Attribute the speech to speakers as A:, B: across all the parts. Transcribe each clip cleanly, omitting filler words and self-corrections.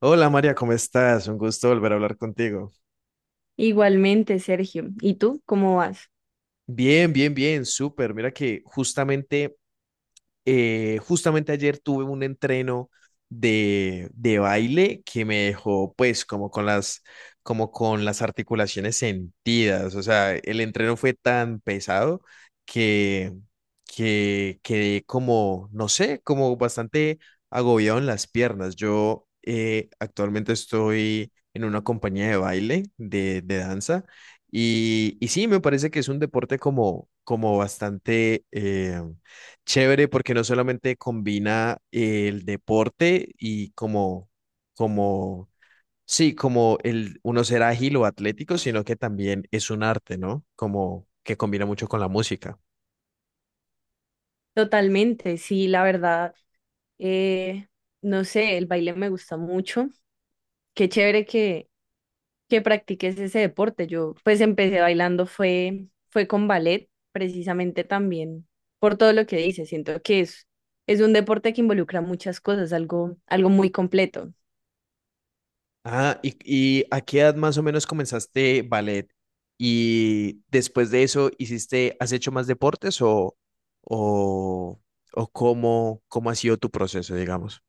A: Hola María, ¿cómo estás? Un gusto volver a hablar contigo.
B: Igualmente, Sergio. ¿Y tú cómo vas?
A: Bien, bien, bien, súper. Mira que justamente ayer tuve un entreno de baile que me dejó pues como con las articulaciones sentidas. O sea, el entreno fue tan pesado que, que quedé como, no sé, como bastante agobiado en las piernas. Yo actualmente estoy en una compañía de baile, de danza, y sí, me parece que es un deporte como, como bastante chévere porque no solamente combina el deporte como, sí, como el uno ser ágil o atlético, sino que también es un arte, ¿no? Como que combina mucho con la música.
B: Totalmente, sí, la verdad. eh, no sé, el baile me gusta mucho. Qué chévere que practiques ese deporte. Yo pues empecé bailando, fue con ballet, precisamente también por todo lo que dices. Siento que es un deporte que involucra muchas cosas, algo muy completo.
A: Ah, y ¿a qué edad más o menos comenzaste ballet? Y después de eso, ¿hiciste, has hecho más deportes o, o cómo, cómo ha sido tu proceso, digamos?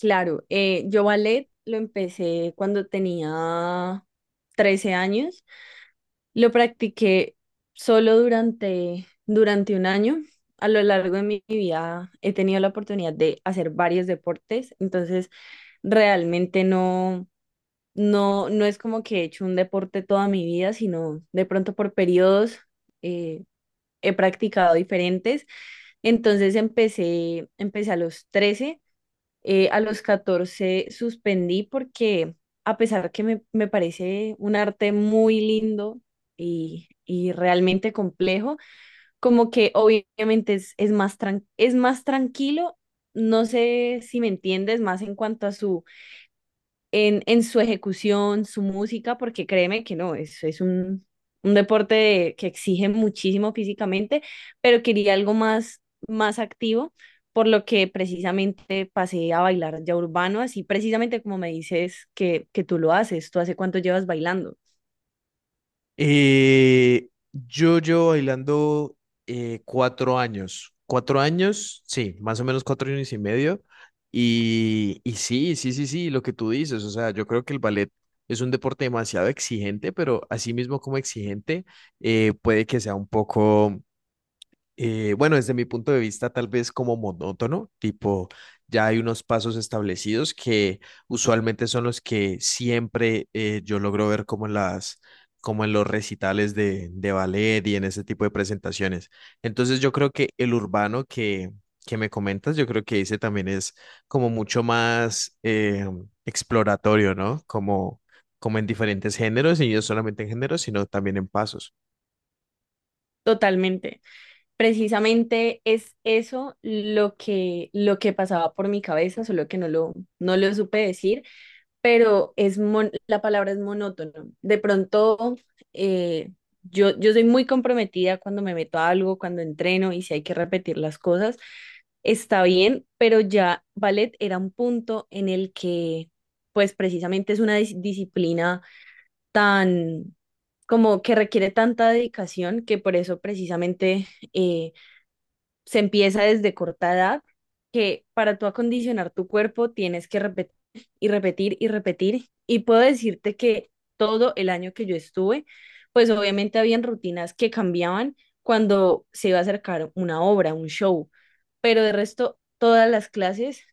B: Claro, yo ballet lo empecé cuando tenía 13 años. Lo practiqué solo durante un año. A lo largo de mi vida he tenido la oportunidad de hacer varios deportes, entonces realmente no es como que he hecho un deporte toda mi vida, sino de pronto por periodos eh, he practicado diferentes. Entonces empecé a los 13 a los 14 suspendí porque a pesar que me parece un arte muy lindo y realmente complejo, como que obviamente es más tranquilo, no sé si me entiendes, más en cuanto a su en su ejecución, su música, porque créeme que no, es un que exige muchísimo físicamente, pero quería algo más, más activo, por lo que precisamente pasé a bailar ya urbano, así precisamente como me dices que tú lo haces. ¿Tú hace cuánto llevas bailando?
A: Yo llevo bailando cuatro años, sí, más o menos cuatro años y medio. Y sí, sí, sí, sí, lo que tú dices, o sea, yo creo que el ballet es un deporte demasiado exigente, pero así mismo como exigente, puede que sea un poco bueno, desde mi punto de vista, tal vez como monótono, tipo, ya hay unos pasos establecidos que usualmente son los que siempre yo logro ver como en las, como en los recitales de ballet y en ese tipo de presentaciones. Entonces, yo creo que el urbano que me comentas, yo creo que ese también es como mucho más exploratorio, ¿no? Como, como en diferentes géneros, y no solamente en géneros, sino también en pasos.
B: Totalmente. Precisamente es eso lo que pasaba por mi cabeza, solo que no lo supe decir, pero la palabra es monótono. De pronto, eh, yo soy muy comprometida cuando me meto a algo. Cuando entreno y si hay que repetir las cosas, está bien, pero ya ballet era un punto en el que, pues precisamente es una disciplina tan, como que requiere tanta dedicación que por eso precisamente... eh, se empieza desde corta edad, que para tú acondicionar tu cuerpo tienes que repetir y repetir y repetir. Y puedo decirte que todo el año que yo estuve, pues obviamente habían rutinas que cambiaban cuando se iba a acercar una obra, un show, pero de resto todas las clases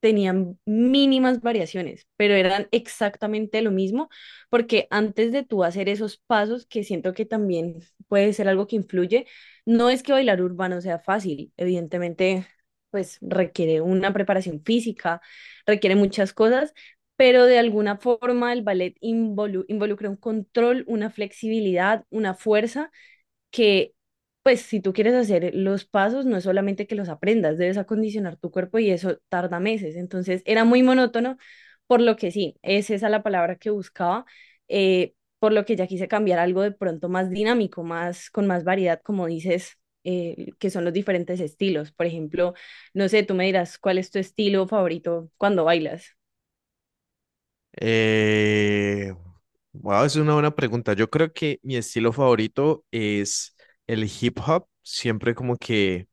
B: tenían mínimas variaciones, pero eran exactamente lo mismo, porque antes de tú hacer esos pasos, que siento que también puede ser algo que influye, no es que bailar urbano sea fácil, evidentemente, pues requiere una preparación física, requiere muchas cosas, pero de alguna forma el ballet involucra un control, una flexibilidad, una fuerza que, pues, si tú quieres hacer los pasos, no es solamente que los aprendas, debes acondicionar tu cuerpo y eso tarda meses. Entonces, era muy monótono, por lo que sí, es esa la palabra que buscaba, por lo que ya quise cambiar algo de pronto más dinámico, más, con más variedad, como dices. Que son los diferentes estilos. Por ejemplo, no sé, tú me dirás cuál es tu estilo favorito cuando bailas.
A: Eh, wow, es una buena pregunta. Yo creo que mi estilo favorito es el hip hop. Siempre como que,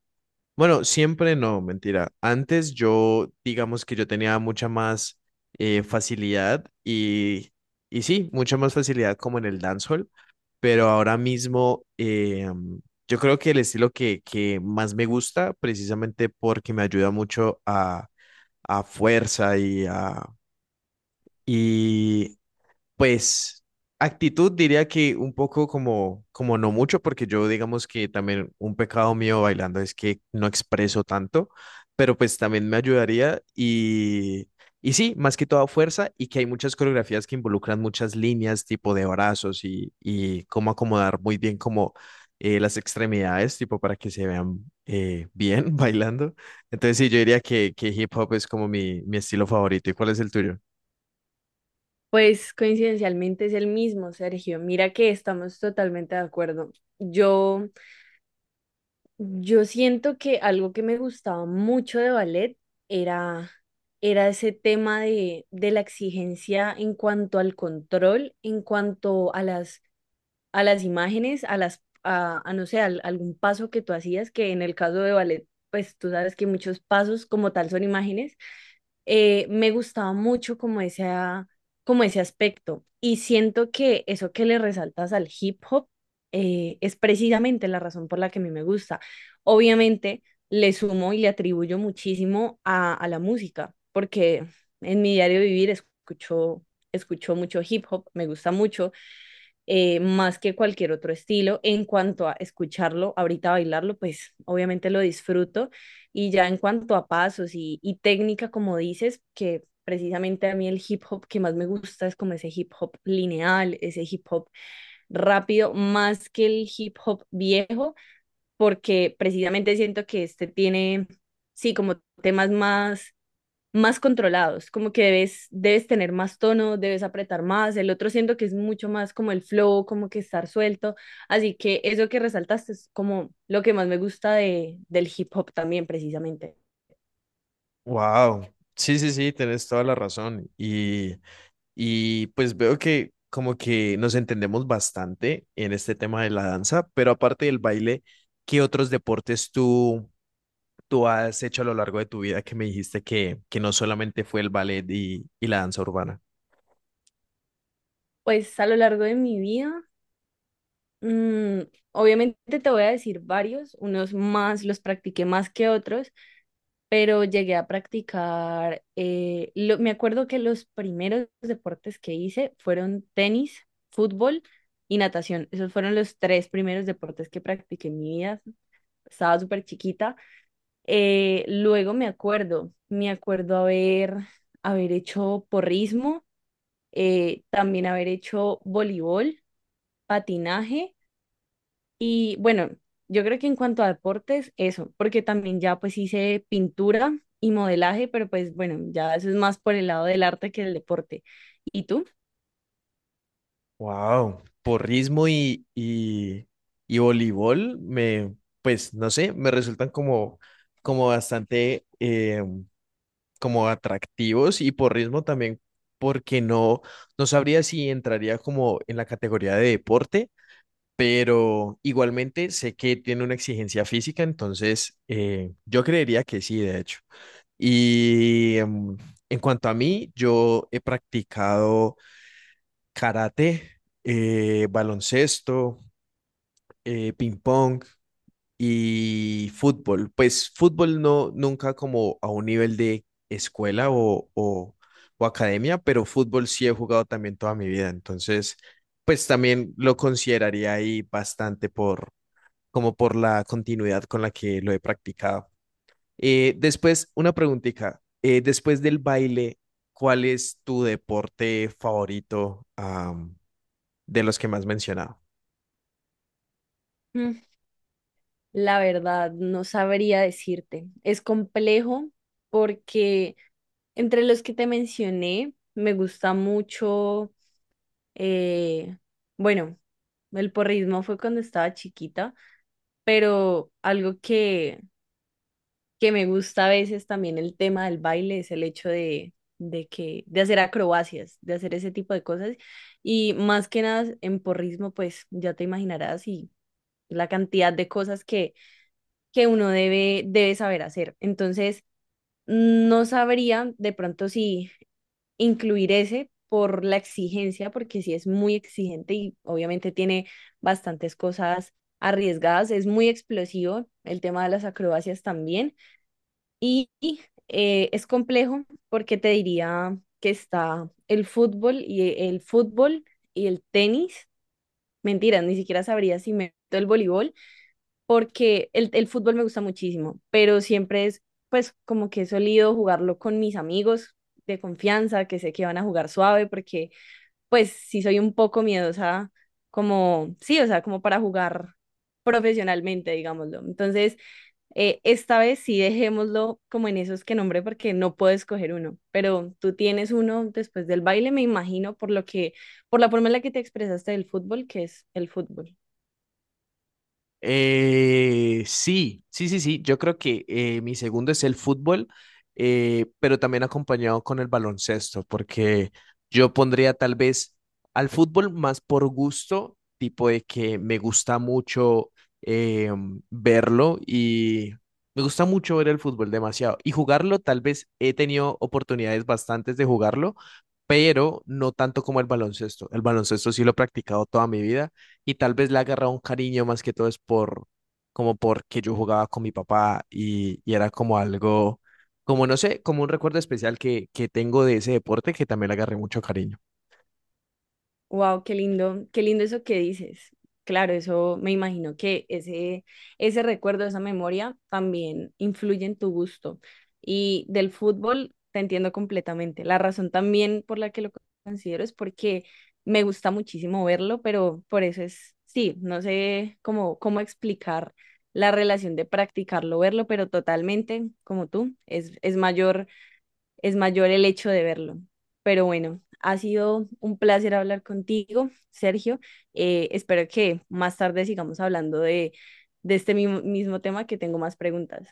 A: bueno, siempre no, mentira. Antes yo, digamos que yo tenía mucha más facilidad y sí, mucha más facilidad como en el dancehall, pero ahora mismo yo creo que el estilo que más me gusta, precisamente porque me ayuda mucho a fuerza y a y pues actitud diría que un poco como, como no mucho, porque yo digamos que también un pecado mío bailando es que no expreso tanto, pero pues también me ayudaría y sí, más que toda fuerza y que hay muchas coreografías que involucran muchas líneas tipo de brazos y cómo acomodar muy bien como las extremidades tipo para que se vean bien bailando. Entonces sí, yo diría que hip hop es como mi estilo favorito. ¿Y cuál es el tuyo?
B: Pues coincidencialmente es el mismo, Sergio. Mira que estamos totalmente de acuerdo. Yo Yo siento que algo que me gustaba mucho de ballet era, era ese tema de la exigencia, en cuanto al control, en cuanto a las imágenes, a no sé, algún paso que tú hacías, que en el caso de ballet, pues tú sabes que muchos pasos como tal son imágenes. Me gustaba mucho como como ese aspecto. Y siento que eso que le resaltas al hip hop es precisamente la razón por la que a mí me gusta. Obviamente le sumo y le atribuyo muchísimo a la música, porque en mi diario vivir escucho mucho hip hop, me gusta mucho más que cualquier otro estilo. En cuanto a escucharlo, ahorita bailarlo, pues obviamente lo disfruto. Y ya en cuanto a pasos y técnica, como dices, que precisamente a mí el hip hop que más me gusta es como ese hip hop lineal, ese hip hop rápido, más que el hip hop viejo, porque precisamente siento que este tiene, sí, como temas más controlados, como que debes tener más tono, debes apretar más. El otro siento que es mucho más como el flow, como que estar suelto, así que eso que resaltaste es como lo que más me gusta del hip hop también precisamente.
A: Wow, sí, sí, sí, tenés toda la razón. Y pues veo que como que nos entendemos bastante en este tema de la danza, pero aparte del baile, ¿qué otros deportes tú has hecho a lo largo de tu vida que me dijiste que no solamente fue el ballet y la danza urbana?
B: Pues a lo largo de mi vida, mm, obviamente te voy a decir varios, unos más los practiqué más que otros, pero llegué a practicar. Me acuerdo que los primeros deportes que hice fueron tenis, fútbol y natación. Esos fueron los tres primeros deportes que practiqué en mi vida. Estaba súper chiquita. Luego me acuerdo haber hecho porrismo, también haber hecho voleibol, patinaje y bueno, yo creo que en cuanto a deportes, eso, porque también ya pues hice pintura y modelaje, pero pues bueno, ya eso es más por el lado del arte que del deporte. ¿Y tú?
A: Wow, porrismo y voleibol me, pues no sé, me resultan como, como bastante como atractivos y por ritmo también, porque no sabría si entraría como en la categoría de deporte, pero igualmente sé que tiene una exigencia física, entonces yo creería que sí, de hecho. Y en cuanto a mí, yo he practicado karate, baloncesto, ping pong y fútbol. Pues fútbol no, nunca como a un nivel de escuela o academia, pero fútbol sí he jugado también toda mi vida. Entonces, pues también lo consideraría ahí bastante por, como por la continuidad con la que lo he practicado. Después, una preguntita. Después del baile, ¿cuál es tu deporte favorito, de los que más has mencionado?
B: Mm, La verdad, no sabría decirte. Es complejo porque entre los que te mencioné, me gusta mucho, eh, bueno, el porrismo fue cuando estaba chiquita, pero algo que me gusta a veces también el tema del baile es el hecho de hacer acrobacias, de hacer ese tipo de cosas. Y más que nada en porrismo, pues ya te imaginarás y la cantidad de cosas que uno debe saber hacer. Entonces, no sabría de pronto si incluir ese por la exigencia, porque sí es muy exigente y obviamente tiene bastantes cosas arriesgadas. Es muy explosivo el tema de las acrobacias también, y es complejo porque te diría que está el fútbol y el tenis. Mentira, ni siquiera sabría si meto el voleibol, porque el fútbol me gusta muchísimo, pero siempre es, pues, como que he solido jugarlo con mis amigos de confianza, que sé que van a jugar suave, porque pues sí soy un poco miedosa, como, sí, o sea, como para jugar profesionalmente, digámoslo. Entonces, esta vez sí dejémoslo como en esos que nombré, porque no puedo escoger uno, pero tú tienes uno después del baile, me imagino, por lo que, por la forma en la que te expresaste del fútbol, que es el fútbol.
A: Sí, sí, sí, sí. Yo creo que mi segundo es el fútbol, pero también acompañado con el baloncesto, porque yo pondría tal vez al fútbol más por gusto, tipo de que me gusta mucho eh, verlo y me gusta mucho ver el fútbol demasiado. Y jugarlo, tal vez he tenido oportunidades bastantes de jugarlo, pero no tanto como el baloncesto. El baloncesto sí lo he practicado toda mi vida y tal vez le agarra un cariño más que todo es por, como porque yo jugaba con mi papá y era como algo, como no sé, como un recuerdo especial que tengo de ese deporte que también le agarré mucho cariño.
B: Wow, qué lindo eso que dices. Claro, eso me imagino que ese recuerdo, esa memoria también influye en tu gusto. Y del fútbol te entiendo completamente. La razón también por la que lo considero es porque me gusta muchísimo verlo, pero por eso es, sí, no sé cómo explicar la relación de practicarlo, verlo, pero totalmente, como tú, es mayor el hecho de verlo. Pero bueno, ha sido un placer hablar contigo, Sergio. Espero que más tarde sigamos hablando de este mismo tema, que tengo más preguntas.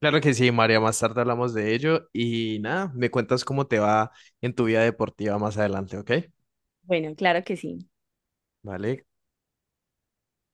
A: Claro que sí, María, más tarde hablamos de ello y nada, me cuentas cómo te va en tu vida deportiva más adelante, ¿ok?
B: Bueno, claro que sí.
A: Vale.